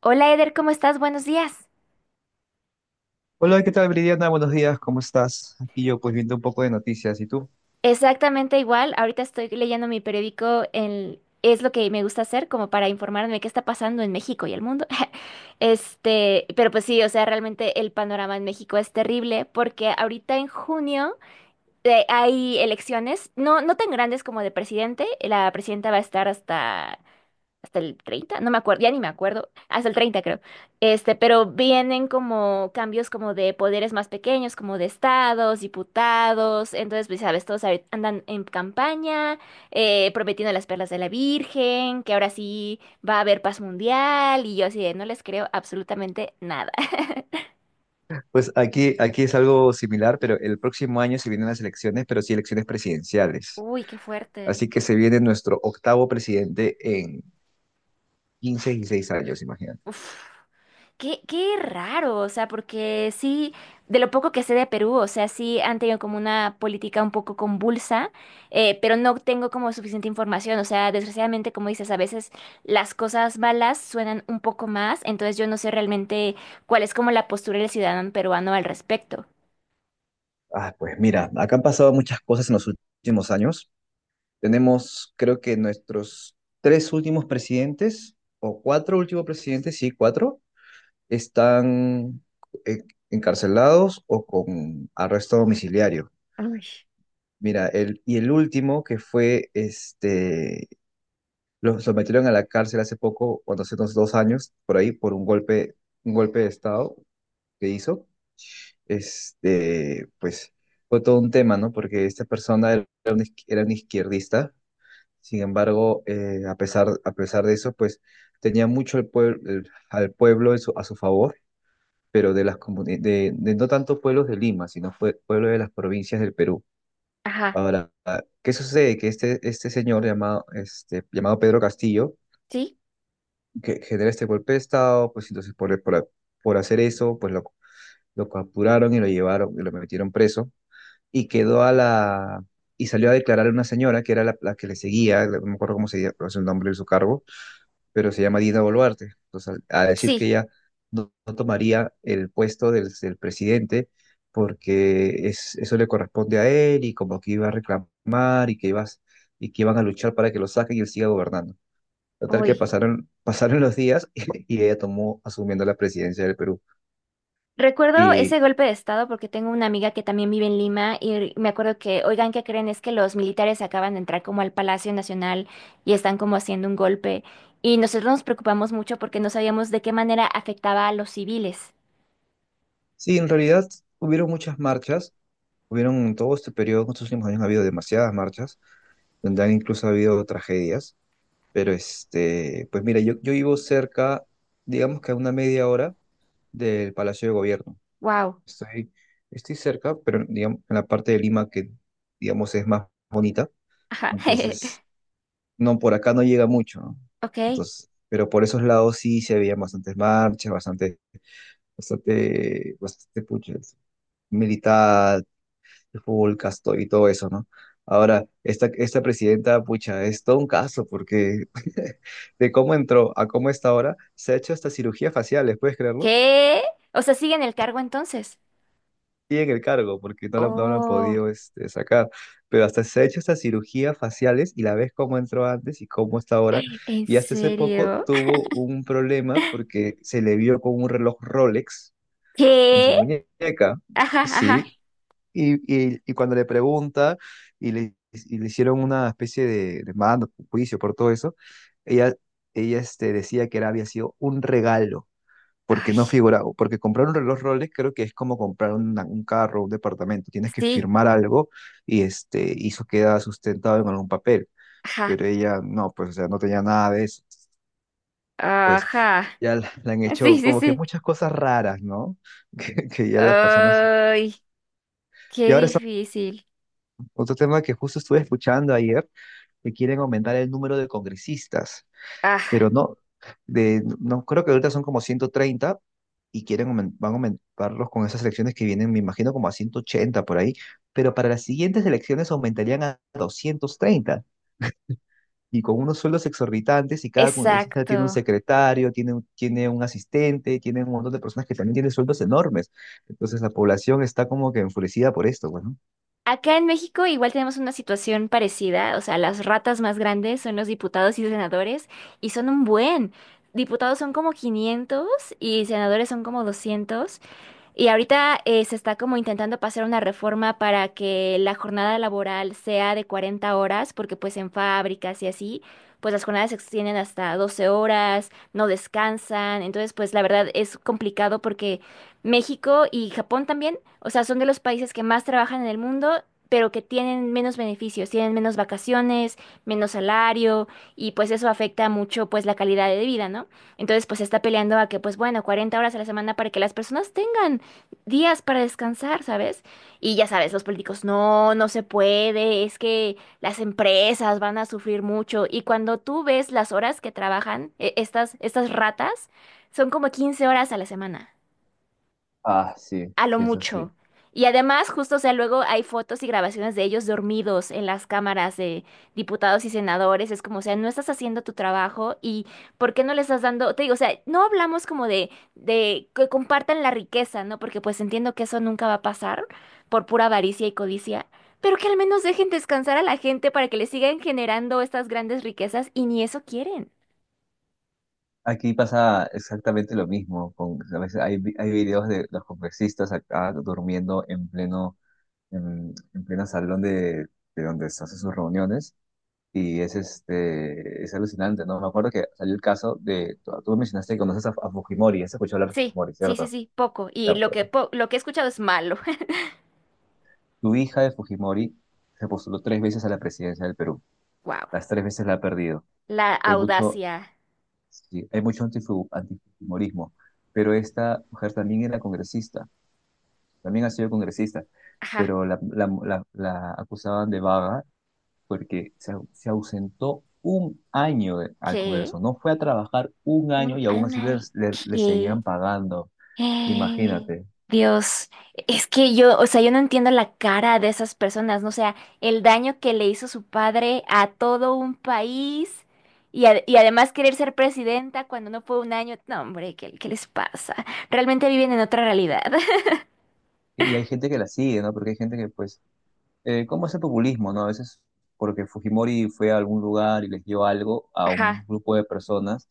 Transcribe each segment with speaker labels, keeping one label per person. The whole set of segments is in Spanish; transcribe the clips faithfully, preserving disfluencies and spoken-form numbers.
Speaker 1: Hola Eder, ¿cómo estás? Buenos días.
Speaker 2: Hola, ¿qué tal, Bridiana? Buenos días, ¿cómo estás? Aquí yo pues viendo un poco de noticias, ¿y tú?
Speaker 1: Exactamente igual, ahorita estoy leyendo mi periódico, el- es lo que me gusta hacer como para informarme de qué está pasando en México y el mundo. Este, pero pues sí, o sea, realmente el panorama en México es terrible porque ahorita en junio eh, hay elecciones, no, no tan grandes como de presidente, la presidenta va a estar hasta hasta el treinta no me acuerdo, ya ni me acuerdo, hasta el treinta creo. Este, pero vienen como cambios como de poderes más pequeños, como de estados, diputados, entonces pues sabes, todos ahorita andan en campaña, eh, prometiendo las perlas de la Virgen, que ahora sí va a haber paz mundial y yo así de no les creo absolutamente nada.
Speaker 2: Pues aquí, aquí es algo similar, pero el próximo año se vienen las elecciones, pero sí elecciones presidenciales.
Speaker 1: Uy, qué fuerte.
Speaker 2: Así que se viene nuestro octavo presidente en quince y seis años, imagínate.
Speaker 1: Uf. Qué, qué raro, o sea, porque sí, de lo poco que sé de Perú, o sea, sí han tenido como una política un poco convulsa, eh, pero no tengo como suficiente información, o sea, desgraciadamente, como dices, a veces las cosas malas suenan un poco más, entonces yo no sé realmente cuál es como la postura del ciudadano peruano al respecto.
Speaker 2: Ah, pues mira, acá han pasado muchas cosas en los últimos años. Tenemos, creo que nuestros tres últimos presidentes, o cuatro últimos presidentes, sí, cuatro, están eh, encarcelados o con arresto domiciliario.
Speaker 1: Uy.
Speaker 2: Mira, el, y el último que fue, este, lo sometieron a la cárcel hace poco, cuando hace unos dos años, por ahí, por un golpe, un golpe de Estado que hizo. Este, pues fue todo un tema, ¿no? Porque esta persona era un, iz- era un izquierdista, sin embargo, eh, a pesar, a pesar de eso, pues tenía mucho el pueblo, el- al pueblo en su- a su favor, pero de las comuni- de, de no tanto pueblos de Lima, sino fue pueblo de las provincias del Perú.
Speaker 1: Ajá,
Speaker 2: Ahora, ¿qué sucede? Que este, este señor llamado, este, llamado Pedro Castillo,
Speaker 1: ¿sí?
Speaker 2: que genera este golpe de Estado, pues entonces por, por, por hacer eso, pues lo, lo capturaron y lo llevaron y lo metieron preso y quedó a la... y salió a declarar a una señora que era la, la que le seguía, no me acuerdo cómo se llama, no sé el nombre de su cargo, pero se llama Dina Boluarte. Entonces, al- a decir que
Speaker 1: Sí,
Speaker 2: ella no, no tomaría el puesto del, del presidente porque es, eso le corresponde a él y como que iba a reclamar y que iba, a- y que iban a luchar para que lo saquen y él siga gobernando. Total que
Speaker 1: uy.
Speaker 2: pasaron, pasaron los días y ella tomó asumiendo la presidencia del Perú.
Speaker 1: Recuerdo ese
Speaker 2: Y
Speaker 1: golpe de estado porque tengo una amiga que también vive en Lima y me acuerdo que, oigan, ¿qué creen? Es que los militares acaban de entrar como al Palacio Nacional y están como haciendo un golpe. Y nosotros nos preocupamos mucho porque no sabíamos de qué manera afectaba a los civiles.
Speaker 2: sí, en realidad hubieron muchas marchas, hubieron en todo este periodo, en estos últimos años ha habido demasiadas marchas, donde han incluso habido tragedias. Pero este, pues mira, yo, yo vivo cerca, digamos que a una media hora del Palacio de Gobierno.
Speaker 1: Wow.
Speaker 2: Estoy, estoy cerca, pero digamos en la parte de Lima que, digamos, es más bonita.
Speaker 1: Ajá.
Speaker 2: Entonces, no, por acá no llega mucho, ¿no?
Speaker 1: Ok.
Speaker 2: Entonces, pero por esos lados sí se veían bastantes marchas, bastante, bastante, bastante pucha, militar, el fútbol casto y todo eso, ¿no? Ahora, esta, esta presidenta, pucha, es todo un caso porque de cómo entró a cómo está ahora, se ha hecho hasta cirugía facial, ¿puedes creerlo?
Speaker 1: ¿Qué? O sea, ¿siguen el cargo entonces?
Speaker 2: Y en el cargo, porque no la, no la han
Speaker 1: Oh,
Speaker 2: podido este, sacar, pero hasta se ha hecho hasta cirugías faciales y la ves cómo entró antes y cómo está ahora.
Speaker 1: ¿en
Speaker 2: Y hasta hace poco
Speaker 1: serio?
Speaker 2: tuvo un problema porque se le vio con un reloj Rolex en su
Speaker 1: ¿Qué?
Speaker 2: muñeca.
Speaker 1: Ajá, ajá.
Speaker 2: Sí, Y, y, y cuando le pregunta y le, y le hicieron una especie de, de mando, juicio por todo eso, ella, ella este, decía que era, había sido un regalo, porque
Speaker 1: Ay,
Speaker 2: no figuraba, porque comprar un reloj Rolex creo que es como comprar una- un carro, un departamento, tienes que
Speaker 1: sí.
Speaker 2: firmar algo y, este, y eso queda sustentado en algún papel,
Speaker 1: Ajá.
Speaker 2: pero ella no, pues o sea, no tenía nada de eso. Pues
Speaker 1: Ajá.
Speaker 2: ya la, la han hecho
Speaker 1: Sí, sí,
Speaker 2: como que
Speaker 1: sí.
Speaker 2: muchas cosas raras, ¿no? Que, que ya las personas...
Speaker 1: Ay. Qué
Speaker 2: Y ahora
Speaker 1: difícil.
Speaker 2: otro tema que justo estuve escuchando ayer, que quieren aumentar el número de congresistas,
Speaker 1: Ah,
Speaker 2: pero no, de, no creo que ahorita son como ciento treinta y quieren aumen- van a aumentarlos con esas elecciones que vienen, me imagino como a ciento ochenta por ahí, pero para las siguientes elecciones aumentarían a doscientos treinta y con unos sueldos exorbitantes y cada congresista tiene un
Speaker 1: exacto.
Speaker 2: secretario, tiene, un- tiene un asistente, tiene un montón de personas que también tienen sueldos enormes. Entonces la población está como que enfurecida por esto, bueno.
Speaker 1: Acá en México igual tenemos una situación parecida, o sea, las ratas más grandes son los diputados y senadores y son un buen. Diputados son como quinientos y senadores son como doscientos. Y ahorita eh, se está como intentando pasar una reforma para que la jornada laboral sea de cuarenta horas, porque pues en fábricas y así, pues las jornadas se extienden hasta doce horas, no descansan. Entonces, pues la verdad es complicado porque México y Japón también, o sea, son de los países que más trabajan en el mundo, pero que tienen menos beneficios, tienen menos vacaciones, menos salario, y pues eso afecta mucho pues la calidad de vida, ¿no? Entonces, pues se está peleando a que, pues bueno, cuarenta horas a la semana para que las personas tengan días para descansar, ¿sabes? Y ya sabes, los políticos, no, no se puede, es que las empresas van a sufrir mucho. Y cuando tú ves las horas que trabajan, e- estas, estas ratas, son como quince horas a la semana a lo mucho. Y además, justo, o sea, luego hay fotos y grabaciones de ellos dormidos en las cámaras de diputados y senadores. Es como, o sea, no estás haciendo tu trabajo y ¿por qué no le estás dando? Te digo, o sea, no hablamos como de, de, que compartan la riqueza, ¿no? Porque pues entiendo que eso nunca va a pasar por pura avaricia y codicia, pero que al menos dejen descansar a la gente para que le sigan generando estas grandes riquezas y ni eso quieren.
Speaker 2: Aquí pasa exactamente lo mismo. Con, a veces hay, vi- hay videos de los congresistas acá durmiendo en pleno, en, en pleno salón de, de donde se hacen sus reuniones. Y es, este, es alucinante, ¿no? Me acuerdo que salió el caso de, tú, tú mencionaste que conoces a, a Fujimori, has escuchado hablar de
Speaker 1: Sí,
Speaker 2: Fujimori,
Speaker 1: sí, sí,
Speaker 2: ¿cierto?
Speaker 1: sí, poco.
Speaker 2: Ya,
Speaker 1: Y lo
Speaker 2: pues,
Speaker 1: que, po- lo que he escuchado es malo.
Speaker 2: tu hija de Fujimori se postuló tres veces a la presidencia del Perú.
Speaker 1: Wow,
Speaker 2: Las tres veces la ha perdido.
Speaker 1: la
Speaker 2: Hay mucho,
Speaker 1: audacia.
Speaker 2: sí, hay mucho antifu- antifujimorismo, pero esta mujer también era congresista, también ha sido congresista,
Speaker 1: Ajá,
Speaker 2: pero la, la, la- la acusaban de vaga porque se, au- se ausentó un año de- al
Speaker 1: que
Speaker 2: Congreso, no fue a trabajar un año
Speaker 1: un
Speaker 2: y aún así le,
Speaker 1: ana,
Speaker 2: le- le
Speaker 1: que
Speaker 2: seguían pagando,
Speaker 1: eh,
Speaker 2: imagínate.
Speaker 1: Dios, es que yo, o sea, yo no entiendo la cara de esas personas, ¿no? O sea, el daño que le hizo su padre a todo un país y, ad- y además querer ser presidenta cuando no fue un año, no, hombre, ¿qué, qué les pasa? Realmente viven en otra realidad.
Speaker 2: Y hay gente que la sigue, ¿no? Porque hay gente que, pues, eh, ¿cómo es el populismo, no? A veces porque Fujimori fue a algún lugar y les dio algo a un
Speaker 1: Ajá,
Speaker 2: grupo de personas,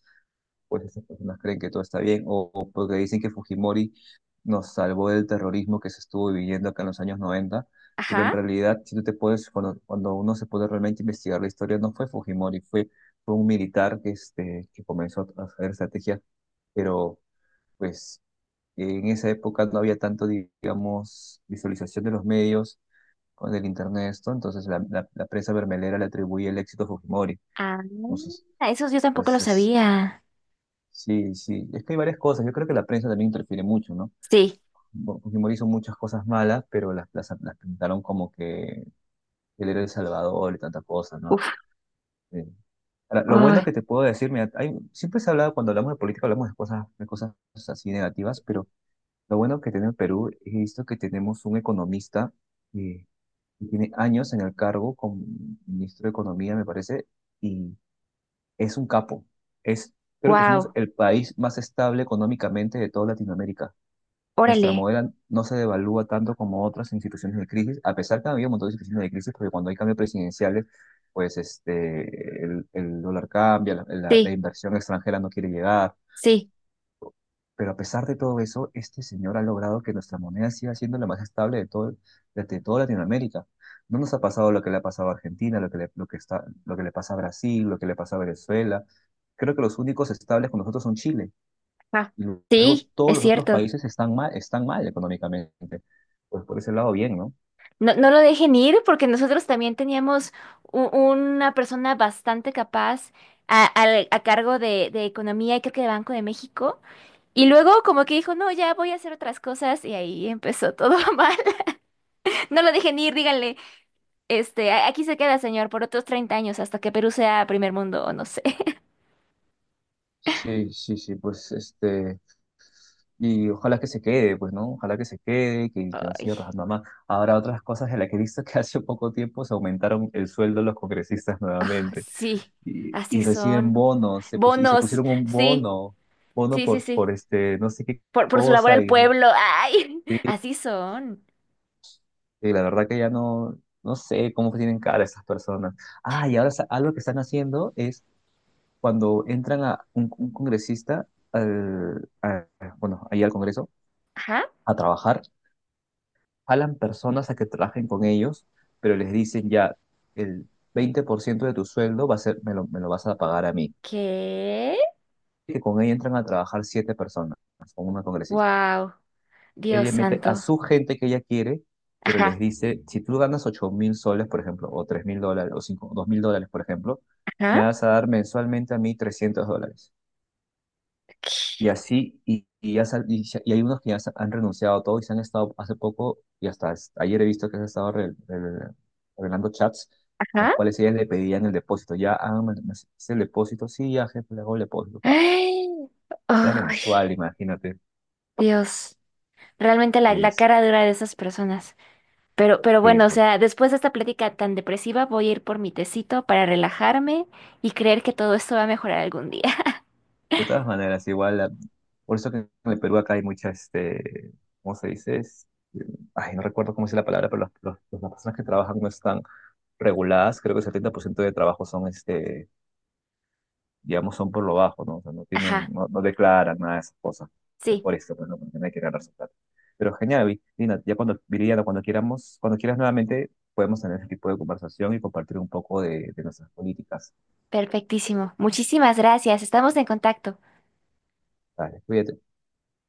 Speaker 2: pues estas personas creen que todo está bien, o, o porque dicen que Fujimori nos salvó del terrorismo que se estuvo viviendo acá en los años noventa, pero en
Speaker 1: ajá.
Speaker 2: realidad, si tú te puedes, cuando, cuando uno se puede realmente investigar la historia, no fue Fujimori, fue, fue un militar que, este, que comenzó a hacer estrategias, pero pues en esa época no había tanto, digamos, visualización de los medios con el internet, esto, entonces la, la, la prensa bermelera le atribuye el éxito a Fujimori. Entonces,
Speaker 1: Ah, esos yo tampoco lo
Speaker 2: entonces,
Speaker 1: sabía.
Speaker 2: sí, sí, es que hay varias cosas. Yo creo que la prensa también interfiere mucho, ¿no?
Speaker 1: Sí,
Speaker 2: Bo- Fujimori hizo muchas cosas malas, pero las, las, las pintaron como que él era el Salvador y tantas cosas, ¿no?
Speaker 1: uf,
Speaker 2: Eh, ahora, lo bueno
Speaker 1: ay,
Speaker 2: que te puedo decir, mira, hay, siempre se ha hablado, cuando hablamos de política, hablamos de cosas, de cosas así negativas, pero lo bueno que tiene el Perú es esto que tenemos un economista eh, que tiene años en el cargo como ministro de Economía, me parece, y es un capo. Es, creo que somos
Speaker 1: wow,
Speaker 2: el país más estable económicamente de toda Latinoamérica. Nuestra
Speaker 1: órale,
Speaker 2: moneda no se devalúa tanto como otras instituciones de crisis, a pesar que ha habido un montón de instituciones de crisis, porque cuando hay cambios presidenciales, pues este, el, el dólar cambia, la, la- la
Speaker 1: sí,
Speaker 2: inversión extranjera no quiere llegar.
Speaker 1: sí.
Speaker 2: Pero a pesar de todo eso, este señor ha logrado que nuestra moneda siga siendo la más estable de todo, de, de toda Latinoamérica. No nos ha pasado lo que le ha pasado a Argentina, lo que le, lo que está, lo que le pasa a Brasil, lo que le pasa a Venezuela. Creo que los únicos estables con nosotros son Chile
Speaker 1: Ah,
Speaker 2: y luego
Speaker 1: sí,
Speaker 2: todos
Speaker 1: es
Speaker 2: los otros
Speaker 1: cierto.
Speaker 2: países están mal, están mal económicamente. Pues por ese lado, bien, ¿no?
Speaker 1: No, no lo dejen ir porque nosotros también teníamos u- una persona bastante capaz a, al- a cargo de, de, economía y creo que de Banco de México. Y luego como que dijo, no, ya voy a hacer otras cosas y ahí empezó todo mal. No lo dejen ir, díganle, este, "A- Aquí se queda, señor, por otros treinta años hasta que Perú sea primer mundo o no sé.
Speaker 2: Sí, sí, sí, pues este, y ojalá que se quede, pues, ¿no? Ojalá que se quede, que, que no
Speaker 1: Ay,
Speaker 2: siga trabajando más. Ahora, otras cosas en las que he visto que hace poco tiempo se aumentaron el sueldo de los congresistas
Speaker 1: ah,
Speaker 2: nuevamente
Speaker 1: sí,
Speaker 2: y,
Speaker 1: así
Speaker 2: y reciben
Speaker 1: son.
Speaker 2: bonos, se pus- y se
Speaker 1: Bonos,
Speaker 2: pusieron un
Speaker 1: sí,
Speaker 2: bono, bono
Speaker 1: sí, sí,
Speaker 2: por,
Speaker 1: sí.
Speaker 2: por este, no sé qué
Speaker 1: Por, por su labor
Speaker 2: cosa,
Speaker 1: al
Speaker 2: y,
Speaker 1: pueblo. ¡Ay!
Speaker 2: sí,
Speaker 1: Así son.
Speaker 2: y la verdad que ya no, no sé cómo tienen cara esas personas. Ah, y ahora sa- algo que están haciendo es cuando entran a un, un congresista al, a- bueno, ahí al Congreso
Speaker 1: Ajá.
Speaker 2: a trabajar, jalan personas a que trabajen con ellos, pero les dicen ya, el veinte por ciento de tu sueldo va a ser, me lo, me lo vas a pagar a mí.
Speaker 1: ¿Qué?
Speaker 2: Y que con ella entran a trabajar siete personas, con una congresista.
Speaker 1: Wow. Dios
Speaker 2: Ella mete a
Speaker 1: santo.
Speaker 2: su gente que ella quiere, pero les
Speaker 1: Ajá.
Speaker 2: dice, si tú ganas ocho mil soles, por ejemplo, o tres mil dólares, o cinco, dos mil dólares, por ejemplo, me
Speaker 1: Ajá.
Speaker 2: vas a dar mensualmente a mí trescientos dólares. Y así, y, y ya sal- y se- y hay unos que ya se han renunciado a todo y se han estado hace poco, y hasta es- ayer he visto que se han estado re- re- revelando chats, los
Speaker 1: Ajá.
Speaker 2: cuales ellas le pedían el depósito. Ya, ah, me, me haces el depósito, sí, ya, jefe, le hago el depósito. Pa.
Speaker 1: Ay.
Speaker 2: Era
Speaker 1: Ay,
Speaker 2: mensual, imagínate.
Speaker 1: Dios. Realmente la, la
Speaker 2: Este,
Speaker 1: cara dura de esas personas. Pero, pero bueno, o
Speaker 2: pues,
Speaker 1: sea, después de esta plática tan depresiva, voy a ir por mi tecito para relajarme y creer que todo esto va a mejorar algún día.
Speaker 2: de todas maneras, igual, la- por eso que en el Perú acá hay mucha, este, ¿cómo se dice? Es- Ay, no recuerdo cómo es la palabra, pero los- los- las personas que trabajan no están reguladas, creo que el setenta por ciento de trabajo son este, digamos, son por lo bajo, ¿no? O sea, no tienen,
Speaker 1: Ajá.
Speaker 2: no, no declaran nada de esas cosas. Pero es
Speaker 1: Sí.
Speaker 2: por eso, pues, ¿no? Porque no hay que ganar su plata. Pero genial, Vi- Lina, ya cuando, Viridiana, cuando queramos, cuando quieras nuevamente, podemos tener ese tipo de conversación y compartir un poco de, de nuestras políticas.
Speaker 1: Perfectísimo. Muchísimas gracias. Estamos en contacto.
Speaker 2: Vale, cuídate.